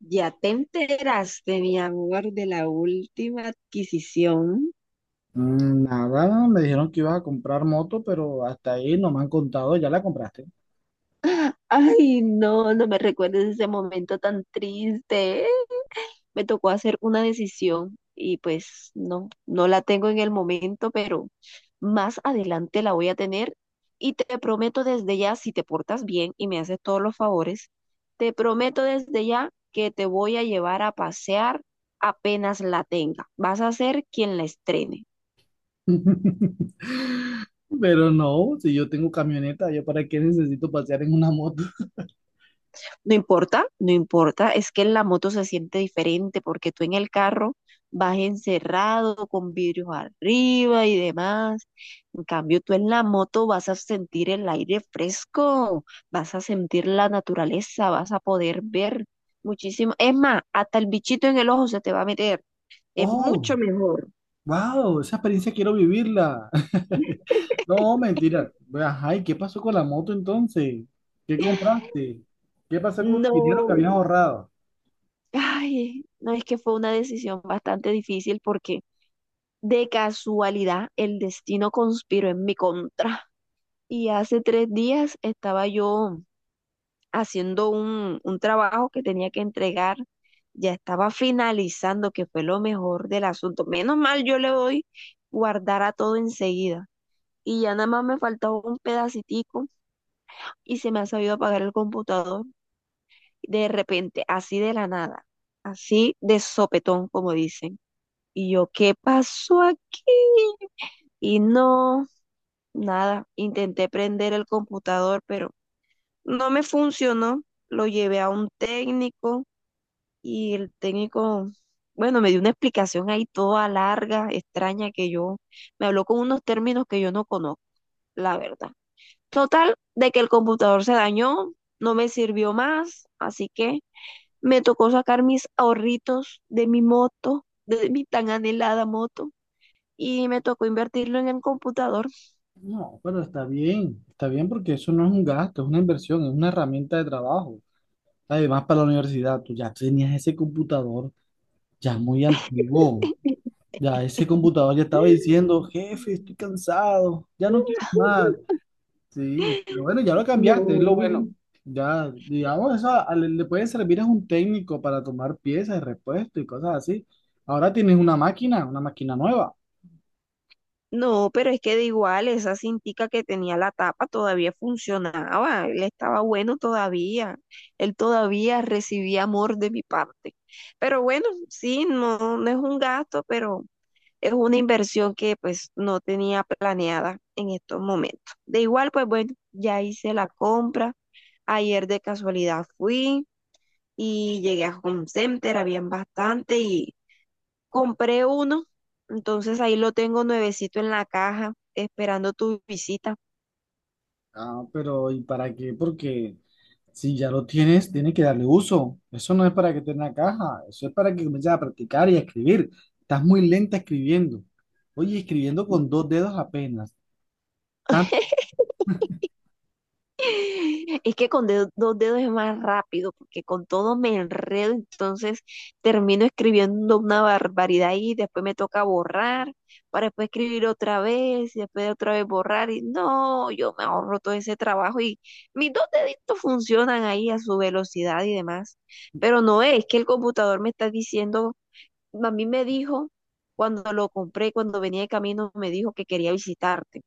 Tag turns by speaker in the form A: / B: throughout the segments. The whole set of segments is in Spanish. A: Ya te enteraste, mi amor, de la última adquisición.
B: Nada, me dijeron que ibas a comprar moto, pero hasta ahí no me han contado, ya la compraste.
A: Ay, no me recuerdes ese momento tan triste. Me tocó hacer una decisión y pues no la tengo en el momento, pero más adelante la voy a tener y te prometo desde ya, si te portas bien y me haces todos los favores, te prometo desde ya que te voy a llevar a pasear apenas la tenga. Vas a ser quien la estrene.
B: Pero no, si yo tengo camioneta, ¿yo para qué necesito pasear en una moto?
A: No importa, no importa, es que en la moto se siente diferente porque tú en el carro vas encerrado con vidrios arriba y demás. En cambio, tú en la moto vas a sentir el aire fresco, vas a sentir la naturaleza, vas a poder ver muchísimo. Es más, hasta el bichito en el ojo se te va a meter. Es
B: Oh,
A: mucho mejor.
B: wow, esa experiencia quiero vivirla. No, mentira. Ajá, ¿y qué pasó con la moto entonces? ¿Qué compraste? ¿Qué pasó con el dinero
A: No,
B: que habías ahorrado?
A: ay, no, es que fue una decisión bastante difícil porque de casualidad, el destino conspiró en mi contra. Y hace 3 días estaba yo haciendo un trabajo que tenía que entregar. Ya estaba finalizando, que fue lo mejor del asunto. Menos mal, yo le doy guardar a todo enseguida. Y ya nada más me faltaba un pedacitico y se me ha sabido apagar el computador de repente, así de la nada, así de sopetón, como dicen. Y yo, ¿qué pasó aquí? Y no, nada, intenté prender el computador, pero no me funcionó. Lo llevé a un técnico y el técnico, bueno, me dio una explicación ahí toda larga, extraña, que yo me habló con unos términos que yo no conozco, la verdad. Total, de que el computador se dañó, no me sirvió más, así que me tocó sacar mis ahorritos de mi moto, de mi tan anhelada moto, y me tocó invertirlo en el computador.
B: No, pero está bien porque eso no es un gasto, es una inversión, es una herramienta de trabajo. Además, para la universidad, tú ya tenías ese computador ya muy antiguo. Ya ese computador ya estaba diciendo, jefe, estoy cansado, ya no quiero más. Sí, pero bueno, ya lo cambiaste, es lo bueno.
A: No.
B: Ya, digamos, eso le puede servir a un técnico para tomar piezas, de repuesto y cosas así. Ahora tienes una máquina nueva.
A: No, pero es que de igual, esa cintica que tenía la tapa todavía funcionaba, él estaba bueno todavía, él todavía recibía amor de mi parte. Pero bueno, sí, no, no es un gasto, pero es una inversión que pues no tenía planeada en estos momentos. De igual, pues bueno, ya hice la compra, ayer de casualidad fui y llegué a Home Center, habían bastante y compré uno, entonces ahí lo tengo nuevecito en la caja, esperando tu visita.
B: Ah, pero ¿y para qué? Porque si ya lo tienes, tienes que darle uso. Eso no es para que tenga caja, eso es para que comiences a practicar y a escribir. Estás muy lenta escribiendo. Oye, escribiendo con dos dedos apenas. Tanto,
A: Es que con dos dedos es más rápido, porque con todo me enredo, entonces termino escribiendo una barbaridad y después me toca borrar, para después escribir otra vez, y después otra vez borrar, y no, yo me ahorro todo ese trabajo y mis dos deditos funcionan ahí a su velocidad y demás. Pero no es que el computador me está diciendo a mí me dijo, cuando lo compré, cuando venía de camino, me dijo que quería visitarte.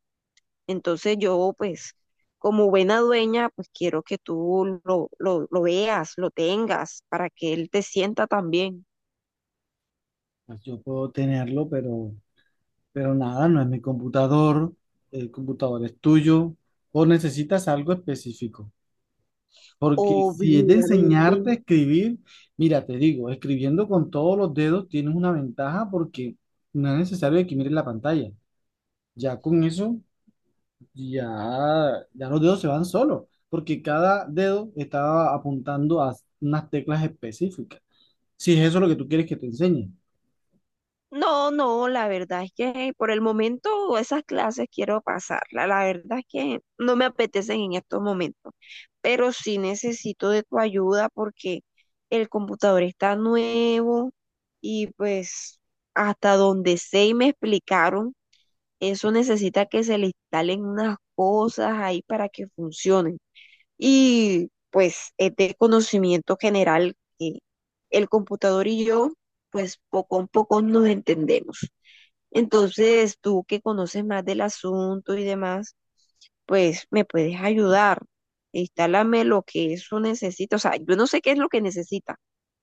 A: Entonces yo, pues, como buena dueña, pues quiero que tú lo veas, lo tengas, para que él te sienta también.
B: pues yo puedo tenerlo, pero nada, no es mi computador. El computador es tuyo. O necesitas algo específico. Porque si es de
A: Obviamente,
B: enseñarte a escribir, mira, te digo, escribiendo con todos los dedos tienes una ventaja porque no es necesario que mires la pantalla. Ya con eso, ya, ya los dedos se van solos. Porque cada dedo está apuntando a unas teclas específicas. Si es eso lo que tú quieres que te enseñe.
A: no, no, la verdad es que por el momento esas clases quiero pasarla. La verdad es que no me apetecen en estos momentos, pero sí necesito de tu ayuda porque el computador está nuevo y pues hasta donde sé y me explicaron, eso necesita que se le instalen unas cosas ahí para que funcionen. Y pues es de conocimiento general que el computador y yo pues poco a poco nos entendemos. Entonces, tú que conoces más del asunto y demás, pues me puedes ayudar. Instálame lo que eso necesita. O sea, yo no sé qué es lo que necesita.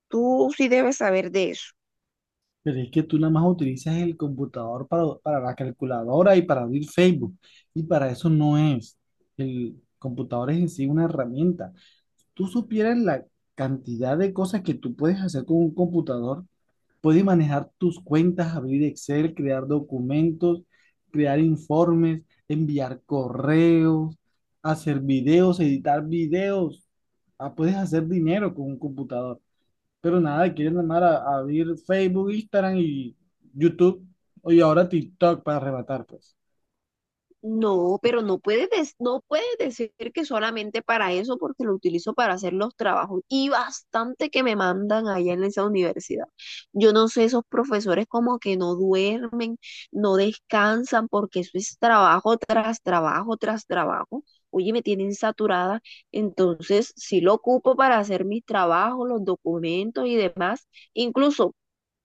A: Tú sí debes saber de eso.
B: Pero es que tú nada más utilizas el computador para la calculadora y para abrir Facebook. Y para eso no es. El computador es en sí una herramienta. Tú supieras la cantidad de cosas que tú puedes hacer con un computador. Puedes manejar tus cuentas, abrir Excel, crear documentos, crear informes, enviar correos, hacer videos, editar videos. Ah, puedes hacer dinero con un computador. Pero nada, quieren llamar a abrir Facebook, Instagram y YouTube, y ahora TikTok para arrebatar, pues.
A: No, pero no puedes, no puedes decir que solamente para eso, porque lo utilizo para hacer los trabajos y bastante que me mandan allá en esa universidad. Yo no sé, esos profesores como que no duermen, no descansan, porque eso es trabajo tras trabajo tras trabajo. Oye, me tienen saturada, entonces sí lo ocupo para hacer mis trabajos, los documentos y demás. Incluso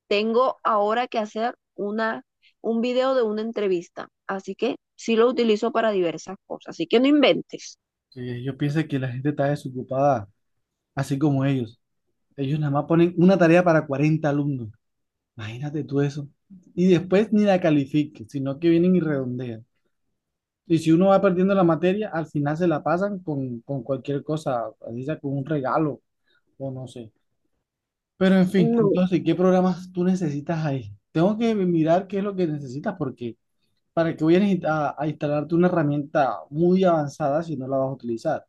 A: tengo ahora que hacer un video de una entrevista, así que sí lo utilizo para diversas cosas, así que no inventes.
B: Sí, yo pienso que la gente está desocupada, así como ellos. Ellos nada más ponen una tarea para 40 alumnos. Imagínate tú eso. Y después ni la califiquen, sino que vienen y redondean. Y si uno va perdiendo la materia, al final se la pasan con cualquier cosa, así sea con un regalo o no sé. Pero en fin,
A: No.
B: entonces, ¿qué programas tú necesitas ahí? Tengo que mirar qué es lo que necesitas porque ¿para que vayas a instalarte una herramienta muy avanzada si no la vas a utilizar?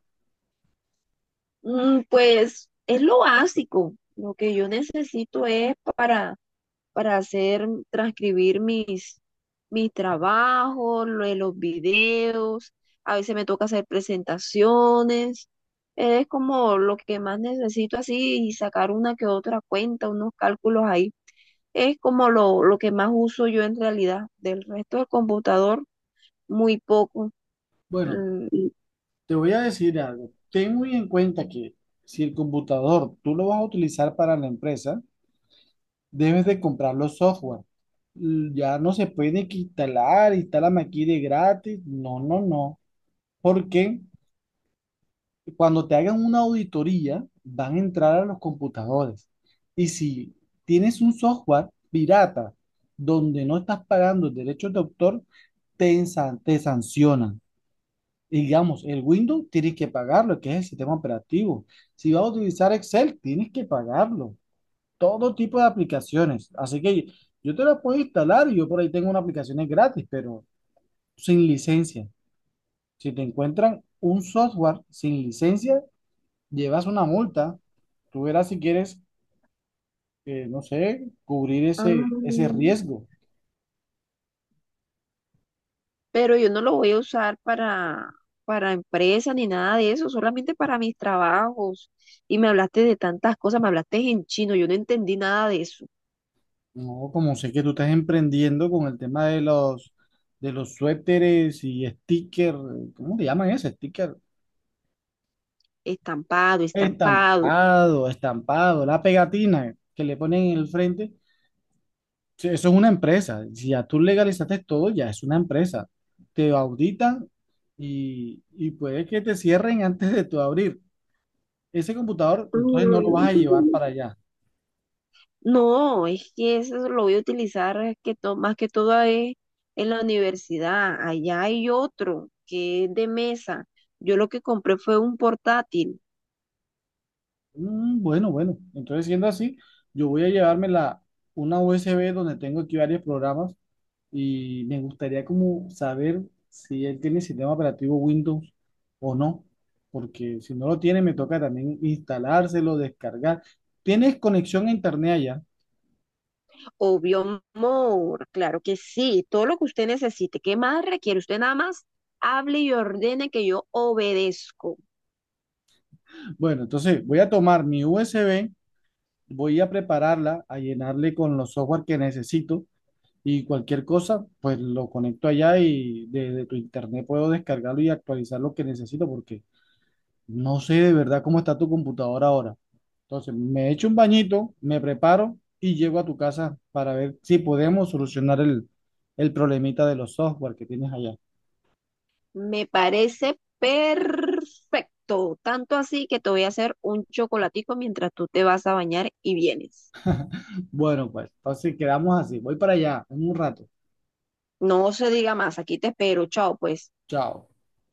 A: Pues es lo básico, lo que yo necesito es para hacer, transcribir mis trabajos, lo de los videos, a veces me toca hacer presentaciones, es como lo que más necesito así y sacar una que otra cuenta, unos cálculos ahí. Es como lo que más uso yo en realidad. Del resto del computador, muy poco.
B: Bueno,
A: Mm, y-
B: te voy a decir algo. Ten muy en cuenta que si el computador tú lo vas a utilizar para la empresa, debes de comprar los software. Ya no se puede que instalar, instálame aquí de gratis. No, no, no. ¿Por qué? Cuando te hagan una auditoría, van a entrar a los computadores. Y si tienes un software pirata donde no estás pagando derechos de autor, te sancionan. Y digamos, el Windows tienes que pagarlo, que es el sistema operativo. Si vas a utilizar Excel, tienes que pagarlo. Todo tipo de aplicaciones. Así que yo te la puedo instalar y yo por ahí tengo unas aplicaciones gratis, pero sin licencia. Si te encuentran un software sin licencia, llevas una multa, tú verás si quieres, no sé, cubrir ese
A: ah,
B: riesgo.
A: pero yo no lo voy a usar para empresa ni nada de eso, solamente para mis trabajos. Y me hablaste de tantas cosas, me hablaste en chino, yo no entendí nada de eso.
B: No, como sé que tú estás emprendiendo con el tema de de los suéteres y sticker, ¿cómo le llaman ese sticker?
A: Estampado, estampado.
B: Estampado, estampado, la pegatina que le ponen en el frente. Sí, eso es una empresa. Si ya tú legalizaste todo, ya es una empresa. Te auditan y puede que te cierren antes de tu abrir. Ese computador, entonces no lo vas a llevar
A: Mm.
B: para allá.
A: No, es que eso lo voy a utilizar es que más que todo es en la universidad. Allá hay otro que es de mesa. Yo lo que compré fue un portátil.
B: Bueno, bueno. Entonces, siendo así, yo voy a llevarme una USB donde tengo aquí varios programas y me gustaría como saber si él tiene sistema operativo Windows o no, porque si no lo tiene, me toca también instalárselo, descargar. ¿Tienes conexión a internet allá?
A: Obvio, amor, claro que sí. Todo lo que usted necesite. ¿Qué más requiere? Usted nada más hable y ordene que yo obedezco.
B: Bueno, entonces voy a tomar mi USB, voy a prepararla, a llenarle con los software que necesito y cualquier cosa, pues lo conecto allá y desde tu internet puedo descargarlo y actualizar lo que necesito porque no sé de verdad cómo está tu computadora ahora. Entonces, me echo un bañito, me preparo y llego a tu casa para ver si podemos solucionar el problemita de los software que tienes allá.
A: Me parece perfecto. Tanto así que te voy a hacer un chocolatico mientras tú te vas a bañar y vienes.
B: Bueno, pues entonces quedamos así. Voy para allá en un rato.
A: No se diga más. Aquí te espero. Chao, pues.
B: Chao.